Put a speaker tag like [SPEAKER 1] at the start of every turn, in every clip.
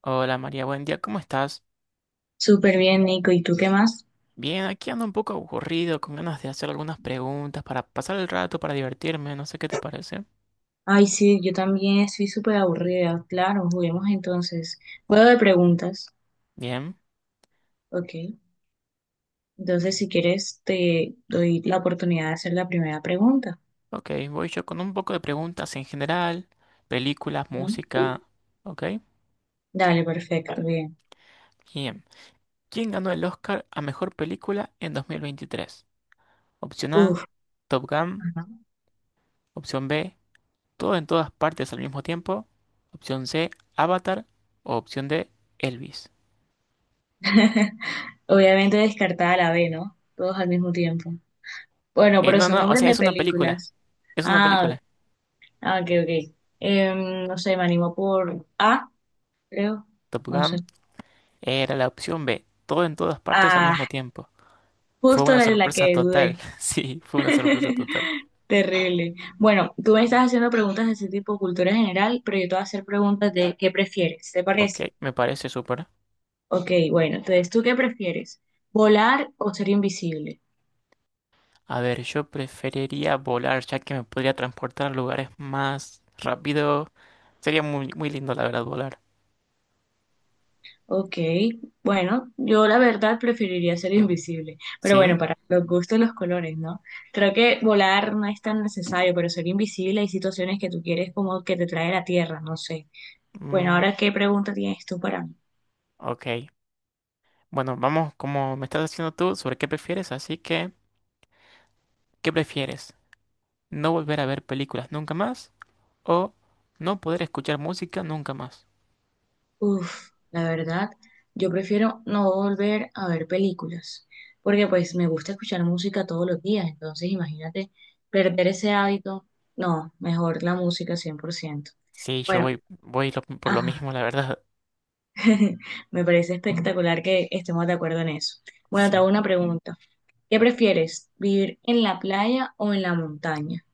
[SPEAKER 1] Hola María, buen día, ¿cómo estás?
[SPEAKER 2] Súper bien, Nico. ¿Y tú qué más?
[SPEAKER 1] Bien, aquí ando un poco aburrido, con ganas de hacer algunas preguntas para pasar el rato, para divertirme, no sé qué te parece.
[SPEAKER 2] Ay, sí, yo también estoy súper aburrida. Claro, juguemos entonces. Juego de preguntas.
[SPEAKER 1] Bien,
[SPEAKER 2] Ok. Entonces, si quieres, te doy la oportunidad de hacer la primera pregunta.
[SPEAKER 1] ok, voy yo con un poco de preguntas en general, películas,
[SPEAKER 2] Ujú.
[SPEAKER 1] música, ok.
[SPEAKER 2] Dale, perfecto, bien.
[SPEAKER 1] Bien, ¿quién ganó el Oscar a mejor película en 2023? Opción A,
[SPEAKER 2] Uf.
[SPEAKER 1] Top Gun. Opción B, Todo en todas partes al mismo tiempo. Opción C, Avatar. O opción D, Elvis.
[SPEAKER 2] Obviamente descartada la B, ¿no? Todos al mismo tiempo. Bueno, pero
[SPEAKER 1] No,
[SPEAKER 2] son
[SPEAKER 1] no, o
[SPEAKER 2] nombres
[SPEAKER 1] sea,
[SPEAKER 2] de
[SPEAKER 1] es una película,
[SPEAKER 2] películas.
[SPEAKER 1] es una
[SPEAKER 2] Ah,
[SPEAKER 1] película.
[SPEAKER 2] ah, ok, ok. No sé, me animo por A, creo.
[SPEAKER 1] Top
[SPEAKER 2] No sé.
[SPEAKER 1] Gun. Era la opción B, todo en todas partes al
[SPEAKER 2] Ah,
[SPEAKER 1] mismo tiempo. Fue
[SPEAKER 2] justo
[SPEAKER 1] una
[SPEAKER 2] la de la
[SPEAKER 1] sorpresa
[SPEAKER 2] que
[SPEAKER 1] total,
[SPEAKER 2] dudé.
[SPEAKER 1] sí, fue una sorpresa total.
[SPEAKER 2] Terrible. Bueno, tú me estás haciendo preguntas de ese tipo, cultura general, pero yo te voy a hacer preguntas de qué prefieres, ¿te
[SPEAKER 1] Ok,
[SPEAKER 2] parece?
[SPEAKER 1] me parece súper.
[SPEAKER 2] Ok, bueno, entonces, ¿tú qué prefieres? ¿Volar o ser invisible?
[SPEAKER 1] A ver, yo preferiría volar ya que me podría transportar a lugares más rápido. Sería muy, muy lindo, la verdad, volar.
[SPEAKER 2] Ok, bueno, yo la verdad preferiría ser invisible, pero
[SPEAKER 1] ¿Sí?
[SPEAKER 2] bueno, para los gustos, los colores, ¿no? Creo que volar no es tan necesario, pero ser invisible hay situaciones que tú quieres como que te trae la tierra, no sé. Bueno,
[SPEAKER 1] Mm,
[SPEAKER 2] ahora, ¿qué pregunta tienes tú para mí?
[SPEAKER 1] ok. Bueno, vamos, como me estás haciendo tú, sobre qué prefieres, así que, ¿qué prefieres? ¿No volver a ver películas nunca más o no poder escuchar música nunca más?
[SPEAKER 2] Uf, la verdad, yo prefiero no volver a ver películas, porque pues me gusta escuchar música todos los días, entonces imagínate perder ese hábito, no, mejor la música 100%.
[SPEAKER 1] Sí, yo
[SPEAKER 2] Bueno,
[SPEAKER 1] voy, por lo
[SPEAKER 2] ajá,
[SPEAKER 1] mismo, la verdad.
[SPEAKER 2] me parece espectacular que estemos de acuerdo en eso. Bueno, te hago
[SPEAKER 1] Sí.
[SPEAKER 2] una pregunta, ¿qué prefieres, vivir en la playa o en la montaña?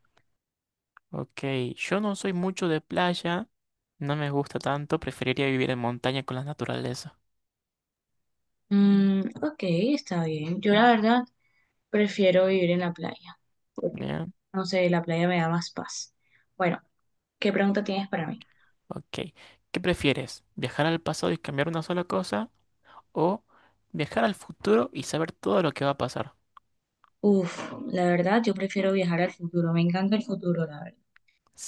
[SPEAKER 1] Ok, yo no soy mucho de playa, no me gusta tanto, preferiría vivir en montaña con la naturaleza.
[SPEAKER 2] Mm, ok, está bien, yo la verdad prefiero vivir en la playa, porque
[SPEAKER 1] Bien,
[SPEAKER 2] no sé, la playa me da más paz. Bueno. ¿Qué pregunta tienes para mí?
[SPEAKER 1] ok. ¿Qué prefieres? ¿Viajar al pasado y cambiar una sola cosa? ¿O viajar al futuro y saber todo lo que va a pasar?
[SPEAKER 2] Uf, la verdad, yo prefiero viajar al futuro. Me encanta el futuro, la verdad.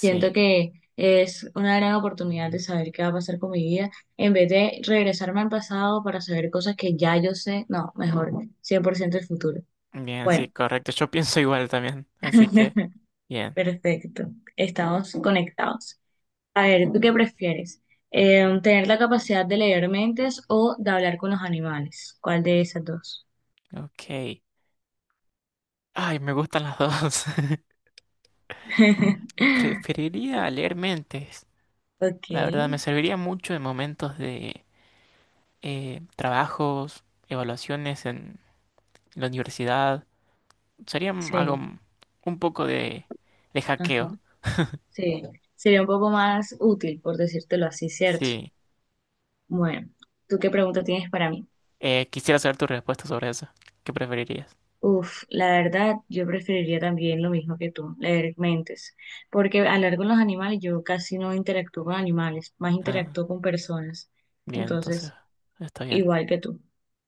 [SPEAKER 2] Siento que es una gran oportunidad de saber qué va a pasar con mi vida. En vez de regresarme al pasado para saber cosas que ya yo sé, no, mejor 100% el futuro.
[SPEAKER 1] bien, sí,
[SPEAKER 2] Bueno,
[SPEAKER 1] correcto. Yo pienso igual también, así que bien,
[SPEAKER 2] perfecto. Estamos conectados. A ver, ¿tú qué prefieres? ¿Tener la capacidad de leer mentes o de hablar con los animales? ¿Cuál de esas dos?
[SPEAKER 1] ok. Ay, me gustan las dos. Preferiría leer mentes.
[SPEAKER 2] Ok,
[SPEAKER 1] La verdad, me serviría mucho en momentos de trabajos, evaluaciones en la universidad sería algo
[SPEAKER 2] sí.
[SPEAKER 1] un poco de
[SPEAKER 2] Ajá.
[SPEAKER 1] hackeo.
[SPEAKER 2] Sí, sería un poco más útil, por decírtelo así, ¿cierto?
[SPEAKER 1] Sí.
[SPEAKER 2] Bueno, ¿tú qué pregunta tienes para mí?
[SPEAKER 1] Quisiera saber tu respuesta sobre eso. ¿Qué preferirías?
[SPEAKER 2] Uf, la verdad, yo preferiría también lo mismo que tú, leer mentes, porque a con los animales yo casi no interactúo con animales, más
[SPEAKER 1] Ah,
[SPEAKER 2] interactúo con personas,
[SPEAKER 1] bien, entonces
[SPEAKER 2] entonces,
[SPEAKER 1] está bien.
[SPEAKER 2] igual que tú.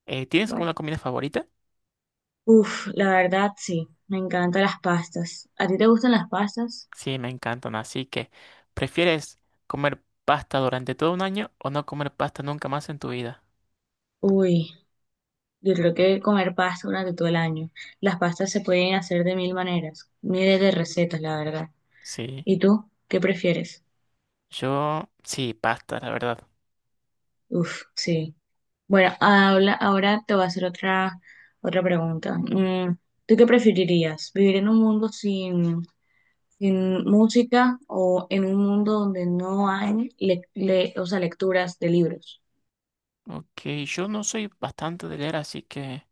[SPEAKER 1] ¿Tienes
[SPEAKER 2] Bueno,
[SPEAKER 1] alguna comida favorita?
[SPEAKER 2] uf, la verdad, sí, me encantan las pastas. ¿A ti te gustan las pastas?
[SPEAKER 1] Sí, me encantan. Así que, ¿prefieres comer pasta durante todo un año o no comer pasta nunca más en tu vida?
[SPEAKER 2] Uy, yo creo que comer pasta durante todo el año. Las pastas se pueden hacer de mil maneras, miles de recetas, la verdad.
[SPEAKER 1] Sí.
[SPEAKER 2] ¿Y tú? ¿Qué prefieres?
[SPEAKER 1] Yo, sí, pasta, la verdad.
[SPEAKER 2] Uf, sí. Bueno, habla, ahora te voy a hacer otra, otra pregunta. ¿Tú qué preferirías? ¿Vivir en un mundo sin música o en un mundo donde no hay o sea, lecturas de libros?
[SPEAKER 1] Que yo no soy bastante de leer, así que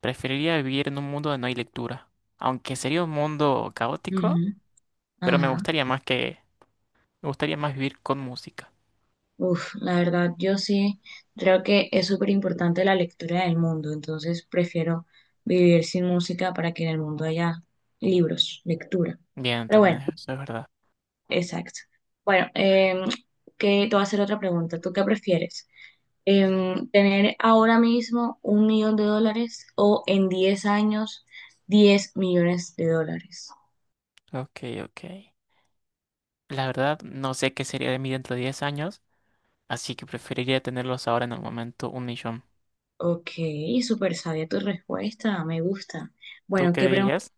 [SPEAKER 1] preferiría vivir en un mundo donde no hay lectura. Aunque sería un mundo caótico,
[SPEAKER 2] Ujú,
[SPEAKER 1] pero
[SPEAKER 2] ajá.
[SPEAKER 1] me gustaría más vivir con música.
[SPEAKER 2] Uf, la verdad, yo sí creo que es súper importante la lectura del mundo, entonces prefiero vivir sin música para que en el mundo haya libros, lectura.
[SPEAKER 1] Bien,
[SPEAKER 2] Pero
[SPEAKER 1] también
[SPEAKER 2] bueno.
[SPEAKER 1] eso es verdad.
[SPEAKER 2] Exacto. Bueno, que te voy a hacer otra pregunta. ¿Tú qué prefieres? ¿Tener ahora mismo 1 millón de dólares o en 10 años 10 millones de dólares?
[SPEAKER 1] Ok, ok. La verdad, no sé qué sería de mí dentro de 10 años, así que preferiría tenerlos ahora en el momento un millón.
[SPEAKER 2] Ok, súper sabia tu respuesta, me gusta.
[SPEAKER 1] ¿Tú
[SPEAKER 2] Bueno,
[SPEAKER 1] qué
[SPEAKER 2] ¿qué pregunta?
[SPEAKER 1] dirías?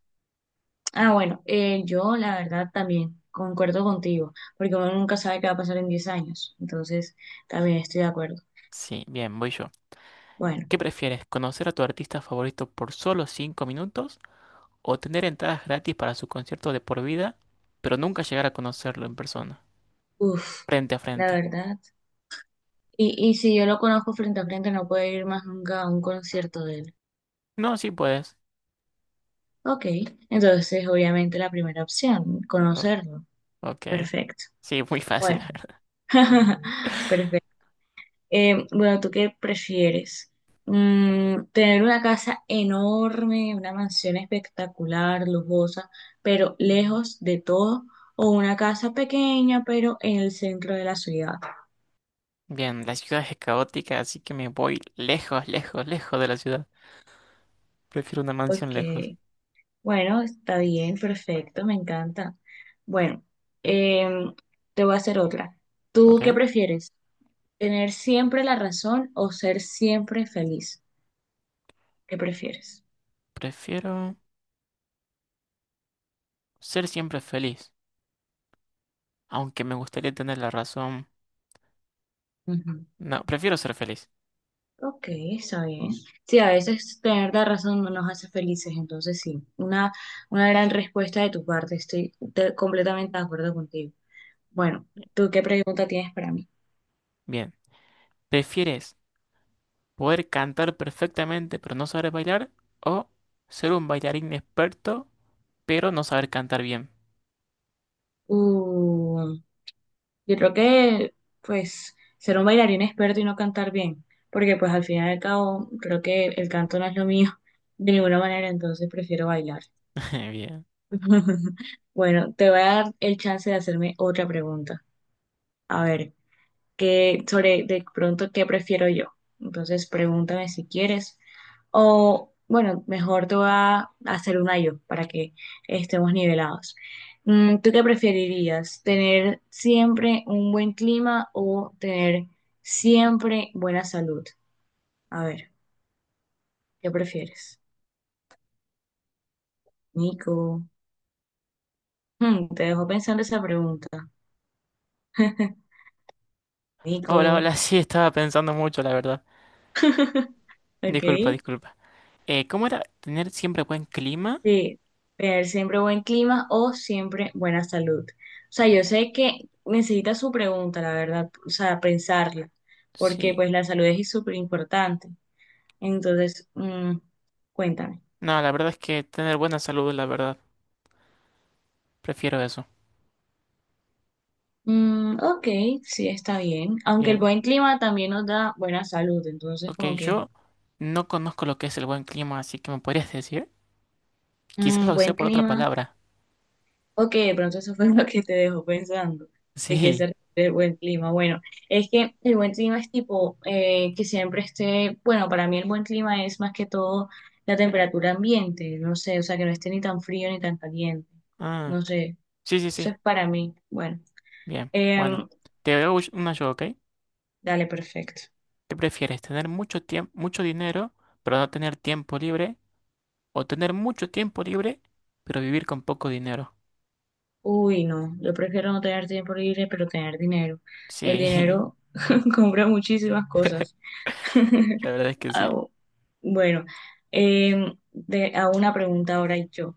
[SPEAKER 2] Ah, bueno, yo la verdad también concuerdo contigo, porque uno nunca sabe qué va a pasar en 10 años, entonces también estoy de acuerdo.
[SPEAKER 1] Sí, bien, voy yo.
[SPEAKER 2] Bueno,
[SPEAKER 1] ¿Qué prefieres? ¿Conocer a tu artista favorito por solo 5 minutos o tener entradas gratis para su concierto de por vida, pero nunca llegar a conocerlo en persona,
[SPEAKER 2] uff,
[SPEAKER 1] frente a
[SPEAKER 2] la
[SPEAKER 1] frente?
[SPEAKER 2] verdad. Y si yo lo conozco frente a frente, no puedo ir más nunca a un concierto de él.
[SPEAKER 1] No, sí puedes.
[SPEAKER 2] Ok, entonces obviamente la primera opción,
[SPEAKER 1] O-
[SPEAKER 2] conocerlo.
[SPEAKER 1] ok.
[SPEAKER 2] Perfecto.
[SPEAKER 1] Sí, muy fácil.
[SPEAKER 2] Bueno, perfecto. Bueno, ¿tú qué prefieres? Tener una casa enorme, una mansión espectacular, lujosa, pero lejos de todo, o una casa pequeña, pero en el centro de la ciudad.
[SPEAKER 1] Bien, la ciudad es caótica, así que me voy lejos, lejos, lejos de la ciudad. Prefiero una
[SPEAKER 2] Ok.
[SPEAKER 1] mansión lejos,
[SPEAKER 2] Bueno, está bien, perfecto, me encanta. Bueno, em, te voy a hacer otra. ¿Tú qué
[SPEAKER 1] ¿ok?
[SPEAKER 2] prefieres? ¿Tener siempre la razón o ser siempre feliz? ¿Qué prefieres?
[SPEAKER 1] Prefiero ser siempre feliz, aunque me gustaría tener la razón.
[SPEAKER 2] Ujú.
[SPEAKER 1] No, prefiero ser feliz.
[SPEAKER 2] Ok, está bien. Sí, a veces tener la razón no nos hace felices, entonces sí, una gran respuesta de tu parte, completamente de acuerdo contigo. Bueno, ¿tú qué pregunta tienes para mí?
[SPEAKER 1] Bien, ¿prefieres poder cantar perfectamente pero no saber bailar o ser un bailarín experto pero no saber cantar bien?
[SPEAKER 2] Uh, Yo creo que, pues, ser un bailarín experto y no cantar bien, porque pues al final y al cabo creo que el canto no es lo mío de ninguna manera, entonces prefiero bailar.
[SPEAKER 1] Bien.
[SPEAKER 2] Bueno, te voy a dar el chance de hacerme otra pregunta. A ver, que sobre de pronto qué prefiero yo. Entonces pregúntame si quieres. O bueno, mejor te voy a hacer una yo para que estemos nivelados. ¿Tú qué preferirías? ¿Tener siempre un buen clima o tener siempre buena salud? A ver, ¿qué prefieres? Nico, te dejo pensando esa pregunta.
[SPEAKER 1] Hola,
[SPEAKER 2] Nico,
[SPEAKER 1] hola, sí, estaba pensando mucho, la verdad. Disculpa,
[SPEAKER 2] ok.
[SPEAKER 1] disculpa. ¿Cómo era tener siempre buen clima?
[SPEAKER 2] Sí, tener siempre buen clima o siempre buena salud. O sea, yo sé que necesita su pregunta, la verdad, o sea, pensarla, porque
[SPEAKER 1] Sí.
[SPEAKER 2] pues la salud es súper importante. Entonces, cuéntame.
[SPEAKER 1] No, la verdad es que tener buena salud, la verdad, prefiero eso.
[SPEAKER 2] Mm, ok, sí, está bien. Aunque el
[SPEAKER 1] Bien,
[SPEAKER 2] buen clima también nos da buena salud, entonces
[SPEAKER 1] ok,
[SPEAKER 2] como que
[SPEAKER 1] yo no conozco lo que es el buen clima, así que me podrías decir. Quizás lo sé
[SPEAKER 2] buen
[SPEAKER 1] por otra
[SPEAKER 2] clima.
[SPEAKER 1] palabra.
[SPEAKER 2] Ok, de pronto eso fue lo que te dejó pensando, de que se
[SPEAKER 1] Sí.
[SPEAKER 2] refiere el buen clima. Bueno, es que el buen clima es tipo que siempre esté, bueno, para mí el buen clima es más que todo la temperatura ambiente, no sé, o sea, que no esté ni tan frío ni tan caliente,
[SPEAKER 1] Ah,
[SPEAKER 2] no sé,
[SPEAKER 1] sí, sí,
[SPEAKER 2] eso
[SPEAKER 1] sí.
[SPEAKER 2] es para mí. Bueno,
[SPEAKER 1] Bien,
[SPEAKER 2] em,
[SPEAKER 1] bueno. Te hago una yo, ¿ok?
[SPEAKER 2] dale, perfecto.
[SPEAKER 1] ¿Qué prefieres? ¿Tener mucho tiempo, mucho dinero, pero no tener tiempo libre? ¿O tener mucho tiempo libre, pero vivir con poco dinero?
[SPEAKER 2] Uy, no, yo prefiero no tener tiempo libre, pero tener dinero. El
[SPEAKER 1] Sí,
[SPEAKER 2] dinero compra muchísimas cosas.
[SPEAKER 1] la verdad es que sí.
[SPEAKER 2] Au. Bueno, a una pregunta ahora yo.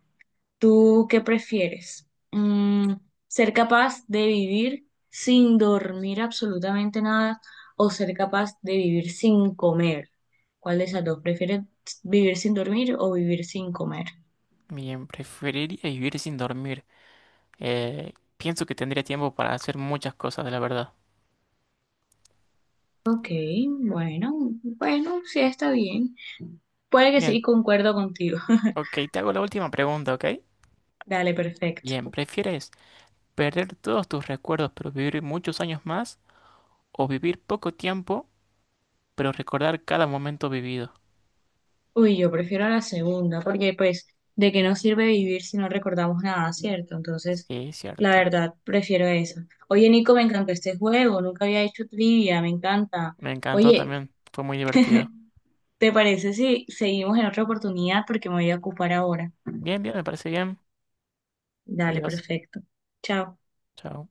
[SPEAKER 2] ¿Tú qué prefieres? ¿Ser capaz de vivir sin dormir absolutamente nada o ser capaz de vivir sin comer? ¿Cuál de esas dos? ¿Prefieres vivir sin dormir o vivir sin comer?
[SPEAKER 1] Bien, preferiría vivir sin dormir. Pienso que tendría tiempo para hacer muchas cosas, la verdad.
[SPEAKER 2] Ok, bueno, bueno, sí está bien. Puede que
[SPEAKER 1] Bien,
[SPEAKER 2] sí, concuerdo contigo.
[SPEAKER 1] ok, te hago la última pregunta, ¿ok?
[SPEAKER 2] Dale,
[SPEAKER 1] Bien,
[SPEAKER 2] perfecto.
[SPEAKER 1] ¿prefieres perder todos tus recuerdos pero vivir muchos años más o vivir poco tiempo pero recordar cada momento vivido?
[SPEAKER 2] Uy, yo prefiero la segunda, porque pues de qué nos sirve vivir si no recordamos nada, ¿cierto? Entonces,
[SPEAKER 1] Sí,
[SPEAKER 2] la
[SPEAKER 1] cierto.
[SPEAKER 2] verdad, prefiero esa. Oye, Nico, me encantó este juego, nunca había hecho trivia, me encanta.
[SPEAKER 1] Me encantó
[SPEAKER 2] Oye,
[SPEAKER 1] también, fue muy divertido.
[SPEAKER 2] ¿te parece si seguimos en otra oportunidad? Porque me voy a ocupar ahora.
[SPEAKER 1] Bien, bien, me parece bien.
[SPEAKER 2] Dale,
[SPEAKER 1] Adiós.
[SPEAKER 2] perfecto. Chao.
[SPEAKER 1] Chao.